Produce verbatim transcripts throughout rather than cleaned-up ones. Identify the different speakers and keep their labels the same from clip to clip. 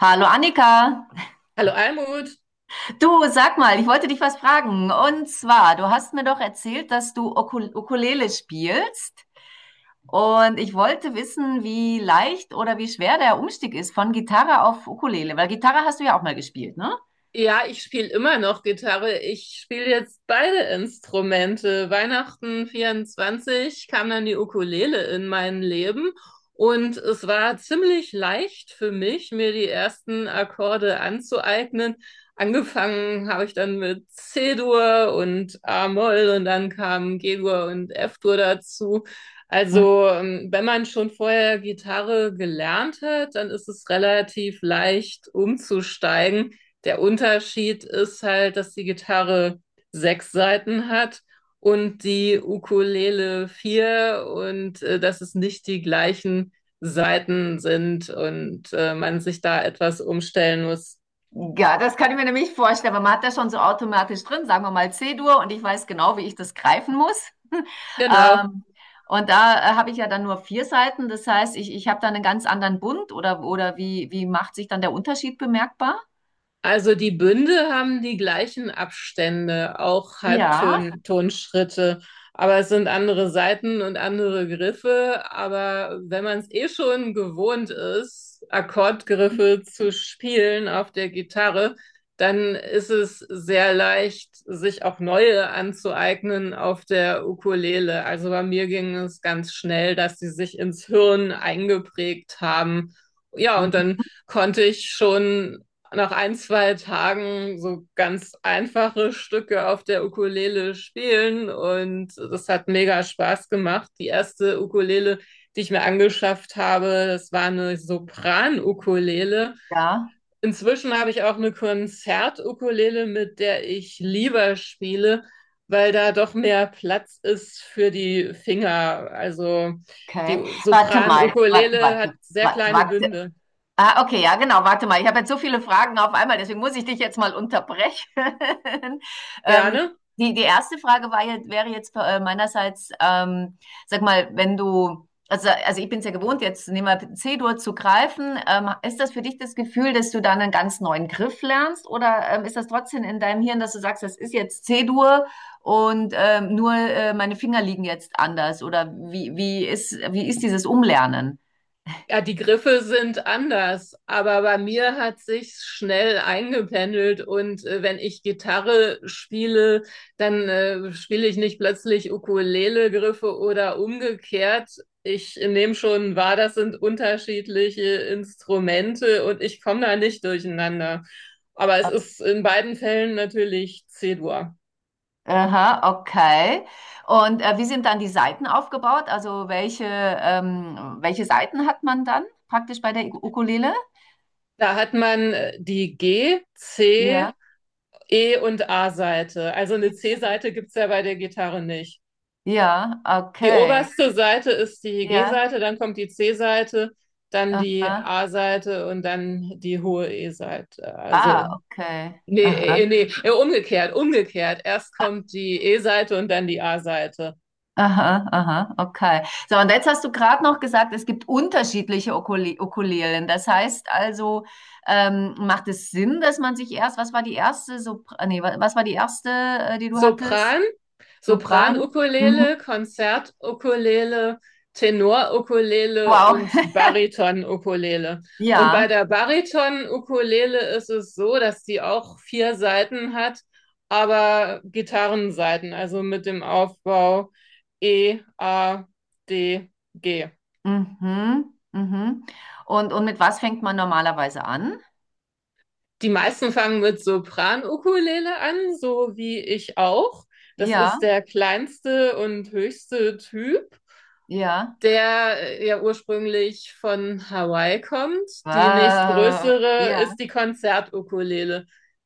Speaker 1: Hallo Annika,
Speaker 2: Hallo Almut.
Speaker 1: du sag mal, ich wollte dich was fragen. Und zwar, du hast mir doch erzählt, dass du Ukul- Ukulele spielst. Und ich wollte wissen, wie leicht oder wie schwer der Umstieg ist von Gitarre auf Ukulele, weil Gitarre hast du ja auch mal gespielt, ne?
Speaker 2: Ja, ich spiele immer noch Gitarre. Ich spiele jetzt beide Instrumente. Weihnachten vierundzwanzig kam dann die Ukulele in mein Leben und es war ziemlich leicht für mich, mir die ersten Akkorde anzueignen. Angefangen habe ich dann mit C-Dur und A-Moll und dann kamen G-Dur und F-Dur dazu. Also, ähm, wenn man schon vorher Gitarre gelernt hat, dann ist es relativ leicht umzusteigen. Der Unterschied ist halt, dass die Gitarre sechs Saiten hat und die Ukulele vier und äh, dass es nicht die gleichen Saiten sind und äh, man sich da etwas umstellen muss.
Speaker 1: Ja, das kann ich mir nämlich vorstellen, weil man hat das schon so automatisch drin, sagen wir mal C-Dur, und ich weiß genau, wie ich das greifen muss.
Speaker 2: Genau.
Speaker 1: Ähm, und da äh, habe ich ja dann nur vier Seiten, das heißt, ich, ich habe dann einen ganz anderen Bund, oder, oder wie, wie macht sich dann der Unterschied bemerkbar?
Speaker 2: Also die Bünde haben die gleichen Abstände, auch
Speaker 1: Ja.
Speaker 2: Halbtonschritte, aber es sind andere Saiten und andere Griffe. Aber wenn man es eh schon gewohnt ist, Akkordgriffe zu spielen auf der Gitarre, dann ist es sehr leicht, sich auch neue anzueignen auf der Ukulele. Also bei mir ging es ganz schnell, dass sie sich ins Hirn eingeprägt haben. Ja, und
Speaker 1: Mhm.
Speaker 2: dann konnte ich schon nach ein, zwei Tagen so ganz einfache Stücke auf der Ukulele spielen und das hat mega Spaß gemacht. Die erste Ukulele, die ich mir angeschafft habe, das war eine Sopran-Ukulele.
Speaker 1: Ja,
Speaker 2: Inzwischen habe ich auch eine Konzert-Ukulele, mit der ich lieber spiele, weil da doch mehr Platz ist für die Finger. Also die
Speaker 1: okay. Warte mal, warte,
Speaker 2: Sopran-Ukulele
Speaker 1: warte,
Speaker 2: hat sehr
Speaker 1: warte,
Speaker 2: kleine
Speaker 1: warte.
Speaker 2: Bünde.
Speaker 1: Ah, okay, ja, genau. Warte mal, ich habe jetzt so viele Fragen auf einmal, deswegen muss ich dich jetzt mal unterbrechen. Ähm,
Speaker 2: Gerne.
Speaker 1: die, die erste Frage war jetzt- wäre jetzt äh, meinerseits, ähm, sag mal, wenn du, also, also ich bin es ja gewohnt, jetzt nehmen wir C-Dur zu greifen. Ähm, ist das für dich das Gefühl, dass du dann einen ganz neuen Griff lernst? Oder ähm, ist das trotzdem in deinem Hirn, dass du sagst, das ist jetzt C-Dur, und ähm, nur äh, meine Finger liegen jetzt anders? Oder wie, wie ist, wie ist dieses Umlernen?
Speaker 2: Ja, die Griffe sind anders, aber bei mir hat sich schnell eingependelt und äh, wenn ich Gitarre spiele, dann äh, spiele ich nicht plötzlich Ukulele-Griffe oder umgekehrt. Ich nehme schon wahr, das sind unterschiedliche Instrumente und ich komme da nicht durcheinander. Aber es ist in beiden Fällen natürlich C-Dur.
Speaker 1: Aha, okay. Und äh, wie sind dann die Saiten aufgebaut? Also welche, ähm, welche Saiten hat man dann praktisch bei der Ukulele?
Speaker 2: Da hat man äh, die G, C,
Speaker 1: Ja.
Speaker 2: E und A-Seite. Also eine C-Seite gibt's ja bei der Gitarre nicht.
Speaker 1: Ja,
Speaker 2: Die
Speaker 1: okay.
Speaker 2: oberste Seite ist die
Speaker 1: Ja,
Speaker 2: G-Seite, dann kommt die C-Seite, dann die
Speaker 1: aha.
Speaker 2: A-Seite und dann die hohe E-Seite. Also,
Speaker 1: Ah, okay.
Speaker 2: nee,
Speaker 1: Aha,
Speaker 2: äh, nee, äh, umgekehrt, umgekehrt. Erst kommt die E-Seite und dann die A-Seite.
Speaker 1: aha, aha, okay. So, und jetzt hast du gerade noch gesagt, es gibt unterschiedliche Ukule Ukulelen. Das heißt also, ähm, macht es Sinn, dass man sich erst, was war die erste, Sopr nee, wa- was war die erste, äh, die du
Speaker 2: Sopran,
Speaker 1: hattest? Sopran? Mhm.
Speaker 2: Sopran-Ukulele, Konzert-Ukulele, Tenor-Ukulele
Speaker 1: Wow.
Speaker 2: und Bariton-Ukulele. Und bei
Speaker 1: Ja.
Speaker 2: der Bariton-Ukulele ist es so, dass die auch vier Saiten hat, aber Gitarrensaiten, also mit dem Aufbau E, A, D, G.
Speaker 1: Mhm. Mhm. Und, und mit was fängt man normalerweise an?
Speaker 2: Die meisten fangen mit Sopran-Ukulele an, so wie ich auch. Das
Speaker 1: Ja,
Speaker 2: ist der kleinste und höchste Typ,
Speaker 1: ja.
Speaker 2: der äh, ja ursprünglich von Hawaii kommt. Die
Speaker 1: Wow.
Speaker 2: nächstgrößere
Speaker 1: Ja,
Speaker 2: ist die Konzertukulele.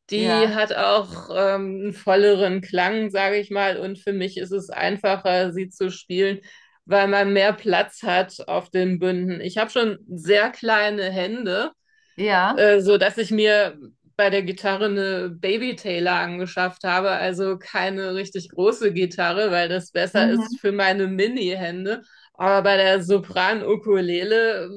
Speaker 2: Die
Speaker 1: ja,
Speaker 2: hat auch ähm, einen volleren Klang, sage ich mal, und für mich ist es einfacher, sie zu spielen, weil man mehr Platz hat auf den Bünden. Ich habe schon sehr kleine Hände,
Speaker 1: ja.
Speaker 2: äh, so dass ich mir bei der Gitarre eine Baby Taylor angeschafft habe, also keine richtig große Gitarre, weil das besser ist
Speaker 1: Mhm.
Speaker 2: für meine Mini-Hände. Aber bei der Sopran-Ukulele,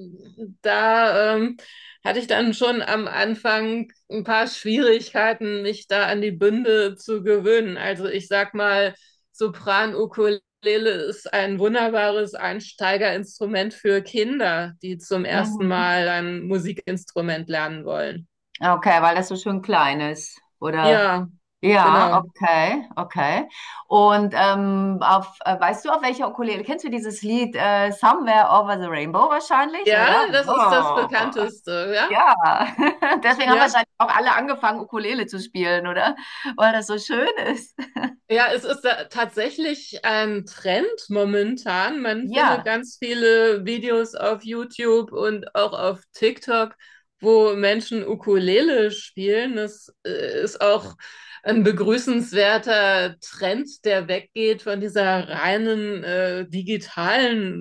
Speaker 2: da ähm, hatte ich dann schon am Anfang ein paar Schwierigkeiten, mich da an die Bünde zu gewöhnen. Also ich sag mal, Sopran-Ukulele Ukulele ist ein wunderbares Einsteigerinstrument für Kinder, die zum ersten
Speaker 1: Mhm.
Speaker 2: Mal ein Musikinstrument lernen wollen.
Speaker 1: Okay, weil das so schön klein ist. Oder?
Speaker 2: Ja,
Speaker 1: Ja,
Speaker 2: genau.
Speaker 1: okay, okay. Und ähm, auf, äh, weißt du, auf welcher Ukulele? Kennst du dieses Lied äh, Somewhere Over the Rainbow wahrscheinlich,
Speaker 2: Ja,
Speaker 1: oder?
Speaker 2: das ist das
Speaker 1: Wow.
Speaker 2: bekannteste, ja?
Speaker 1: Ja, deswegen haben
Speaker 2: Ja.
Speaker 1: wahrscheinlich auch alle angefangen, Ukulele zu spielen, oder? Weil das so schön ist.
Speaker 2: Ja, es ist da tatsächlich ein Trend momentan. Man findet
Speaker 1: Ja,
Speaker 2: ganz viele Videos auf YouTube und auch auf TikTok, wo Menschen Ukulele spielen. Das äh, ist auch ein begrüßenswerter Trend, der weggeht von dieser reinen äh, digitalen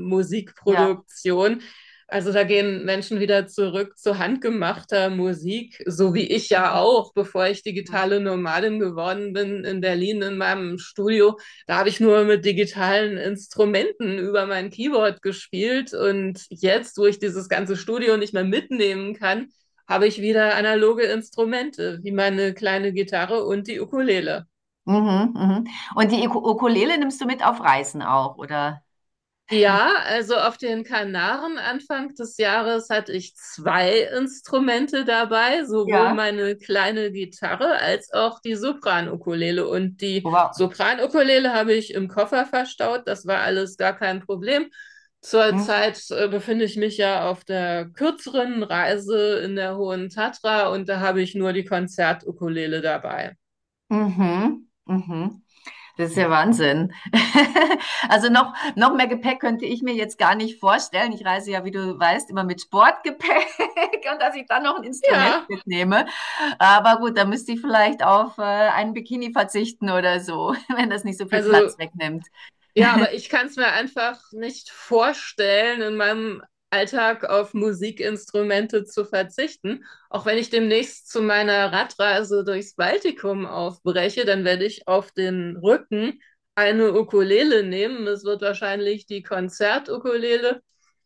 Speaker 1: ja.
Speaker 2: Musikproduktion, also da gehen Menschen wieder zurück zu handgemachter Musik, so wie ich ja
Speaker 1: Mhm,
Speaker 2: auch, bevor ich
Speaker 1: mhm,
Speaker 2: digitale Nomadin geworden bin in Berlin in meinem Studio. Da habe ich nur mit digitalen Instrumenten über mein Keyboard gespielt und jetzt, wo ich dieses ganze Studio nicht mehr mitnehmen kann, habe ich wieder analoge Instrumente, wie meine kleine Gitarre und die Ukulele.
Speaker 1: mhm. Mhm. Und die Iku- Ukulele nimmst du mit auf Reisen auch, oder?
Speaker 2: Ja, also auf den Kanaren Anfang des Jahres hatte ich zwei Instrumente dabei, sowohl
Speaker 1: Ja.
Speaker 2: meine kleine Gitarre als auch die Sopranukulele. Und die
Speaker 1: Wow.
Speaker 2: Sopranukulele habe ich im Koffer verstaut. Das war alles gar kein Problem.
Speaker 1: Mhm,
Speaker 2: Zurzeit äh, befinde ich mich ja auf der kürzeren Reise in der Hohen Tatra und da habe ich nur die Konzertukulele dabei.
Speaker 1: mhm. Mhm. Das ist ja Wahnsinn. Also noch, noch mehr Gepäck könnte ich mir jetzt gar nicht vorstellen. Ich reise ja, wie du weißt, immer mit Sportgepäck und dass ich dann noch ein Instrument
Speaker 2: Ja,
Speaker 1: mitnehme. Aber gut, da müsste ich vielleicht auf äh, einen Bikini verzichten oder so, wenn das nicht so viel Platz
Speaker 2: also
Speaker 1: wegnimmt.
Speaker 2: Ja, aber ich kann es mir einfach nicht vorstellen, in meinem Alltag auf Musikinstrumente zu verzichten. Auch wenn ich demnächst zu meiner Radreise durchs Baltikum aufbreche, dann werde ich auf den Rücken eine Ukulele nehmen. Es wird wahrscheinlich die Konzertukulele.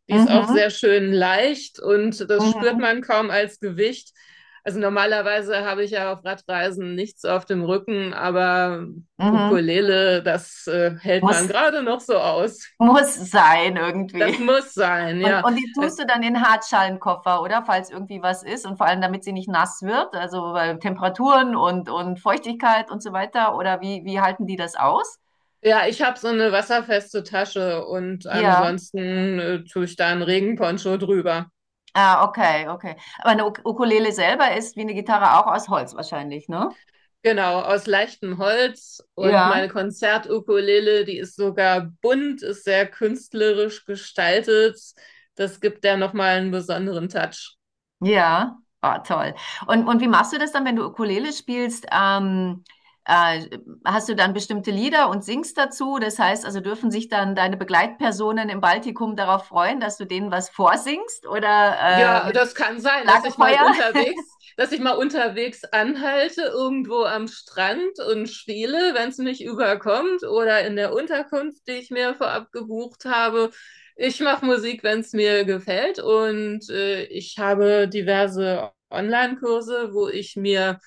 Speaker 2: Die ist auch
Speaker 1: Mhm,
Speaker 2: sehr schön leicht und das spürt
Speaker 1: mhm,
Speaker 2: man kaum als Gewicht. Also normalerweise habe ich ja auf Radreisen nichts auf dem Rücken, aber
Speaker 1: mhm.
Speaker 2: Ukulele, das äh, hält man
Speaker 1: Muss
Speaker 2: gerade noch so aus.
Speaker 1: Muss sein
Speaker 2: Das
Speaker 1: irgendwie.
Speaker 2: muss sein,
Speaker 1: Und
Speaker 2: ja.
Speaker 1: und die
Speaker 2: Äh,
Speaker 1: tust du dann in den Hartschalenkoffer, oder? Falls irgendwie was ist, und vor allem, damit sie nicht nass wird, also, weil Temperaturen und und Feuchtigkeit und so weiter, oder wie wie halten die das aus?
Speaker 2: Ja, ich habe so eine wasserfeste Tasche und
Speaker 1: Ja.
Speaker 2: ansonsten äh, tue ich da einen Regenponcho drüber.
Speaker 1: Ah, okay, okay. Aber eine Uk Ukulele selber ist wie eine Gitarre auch aus Holz wahrscheinlich, ne?
Speaker 2: Genau, aus leichtem Holz und
Speaker 1: Ja.
Speaker 2: meine Konzertukulele, die ist sogar bunt, ist sehr künstlerisch gestaltet. Das gibt der nochmal einen besonderen Touch.
Speaker 1: Ja, ah, toll. Und, und wie machst du das dann, wenn du Ukulele spielst? Ähm, äh, hast du dann bestimmte Lieder und singst dazu? Das heißt, also dürfen sich dann deine Begleitpersonen im Baltikum darauf freuen, dass du denen was vorsingst oder äh,
Speaker 2: Ja,
Speaker 1: mit
Speaker 2: das kann sein, dass ich mal
Speaker 1: Lagerfeuer?
Speaker 2: unterwegs, dass ich mal unterwegs anhalte, irgendwo am Strand und spiele, wenn es mich überkommt, oder in der Unterkunft, die ich mir vorab gebucht habe. Ich mache Musik, wenn es mir gefällt, und äh, ich habe diverse Online-Kurse, wo ich mir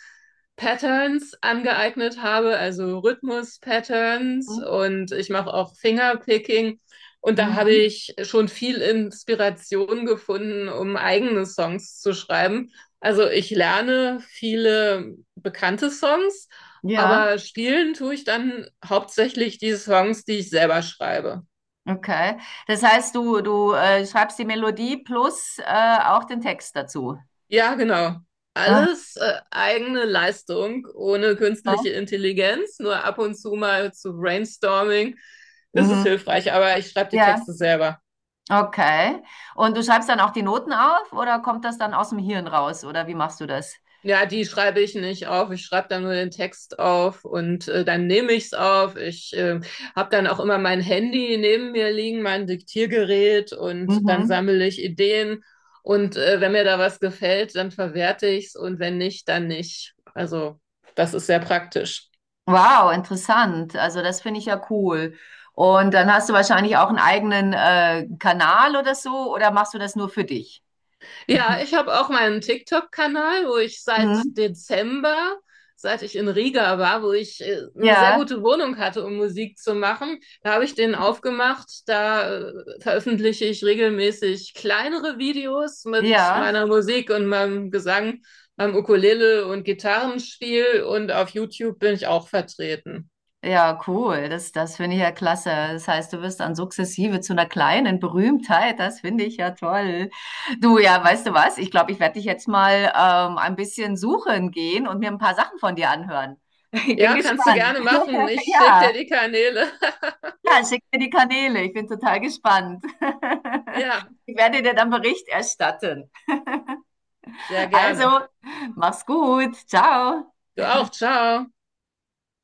Speaker 2: Patterns angeeignet habe, also Rhythmus-Patterns,
Speaker 1: Mhm.
Speaker 2: und ich mache auch Fingerpicking. Und da habe
Speaker 1: Mhm.
Speaker 2: ich schon viel Inspiration gefunden, um eigene Songs zu schreiben. Also ich lerne viele bekannte Songs,
Speaker 1: Ja,
Speaker 2: aber spielen tue ich dann hauptsächlich die Songs, die ich selber schreibe.
Speaker 1: okay. Das heißt, du, du äh, schreibst die Melodie plus äh, auch den Text dazu.
Speaker 2: Ja, genau.
Speaker 1: Aha.
Speaker 2: Alles äh, eigene Leistung, ohne künstliche Intelligenz, nur ab und zu mal zu Brainstorming ist es
Speaker 1: Mhm.
Speaker 2: hilfreich, aber ich schreibe die
Speaker 1: Ja.
Speaker 2: Texte selber.
Speaker 1: Okay. Und du schreibst dann auch die Noten auf, oder kommt das dann aus dem Hirn raus, oder wie machst du das?
Speaker 2: Ja, die schreibe ich nicht auf. Ich schreibe dann nur den Text auf und äh, dann nehme ich es auf. Ich äh, habe dann auch immer mein Handy neben mir liegen, mein Diktiergerät und dann
Speaker 1: Mhm.
Speaker 2: sammle ich Ideen. Und äh, wenn mir da was gefällt, dann verwerte ich es und wenn nicht, dann nicht. Also das ist sehr praktisch.
Speaker 1: Wow, interessant. Also das finde ich ja cool. Und dann hast du wahrscheinlich auch einen eigenen äh, Kanal oder so, oder machst du das nur für dich?
Speaker 2: Ja, ich habe auch meinen TikTok-Kanal, wo ich seit
Speaker 1: Mhm.
Speaker 2: Dezember, seit ich in Riga war, wo ich äh, eine sehr
Speaker 1: Ja,
Speaker 2: gute Wohnung hatte, um Musik zu machen, da habe ich den aufgemacht. Da äh, veröffentliche ich regelmäßig kleinere Videos mit
Speaker 1: ja.
Speaker 2: meiner Musik und meinem Gesang, meinem Ukulele und Gitarrenspiel und auf YouTube bin ich auch vertreten.
Speaker 1: Ja, cool. Das, das finde ich ja klasse. Das heißt, du wirst dann sukzessive zu einer kleinen Berühmtheit. Das finde ich ja toll. Du, ja, weißt du was? Ich glaube, ich werde dich jetzt mal ähm, ein bisschen suchen gehen und mir ein paar Sachen von dir anhören. Ich bin
Speaker 2: Ja, kannst du
Speaker 1: gespannt.
Speaker 2: gerne machen. Ich schicke
Speaker 1: Ja,
Speaker 2: dir die Kanäle.
Speaker 1: ja, schick mir die Kanäle. Ich bin total gespannt.
Speaker 2: Ja,
Speaker 1: Ich werde dir dann Bericht erstatten.
Speaker 2: sehr gerne.
Speaker 1: Also, mach's gut. Ciao.
Speaker 2: Du auch. Ciao.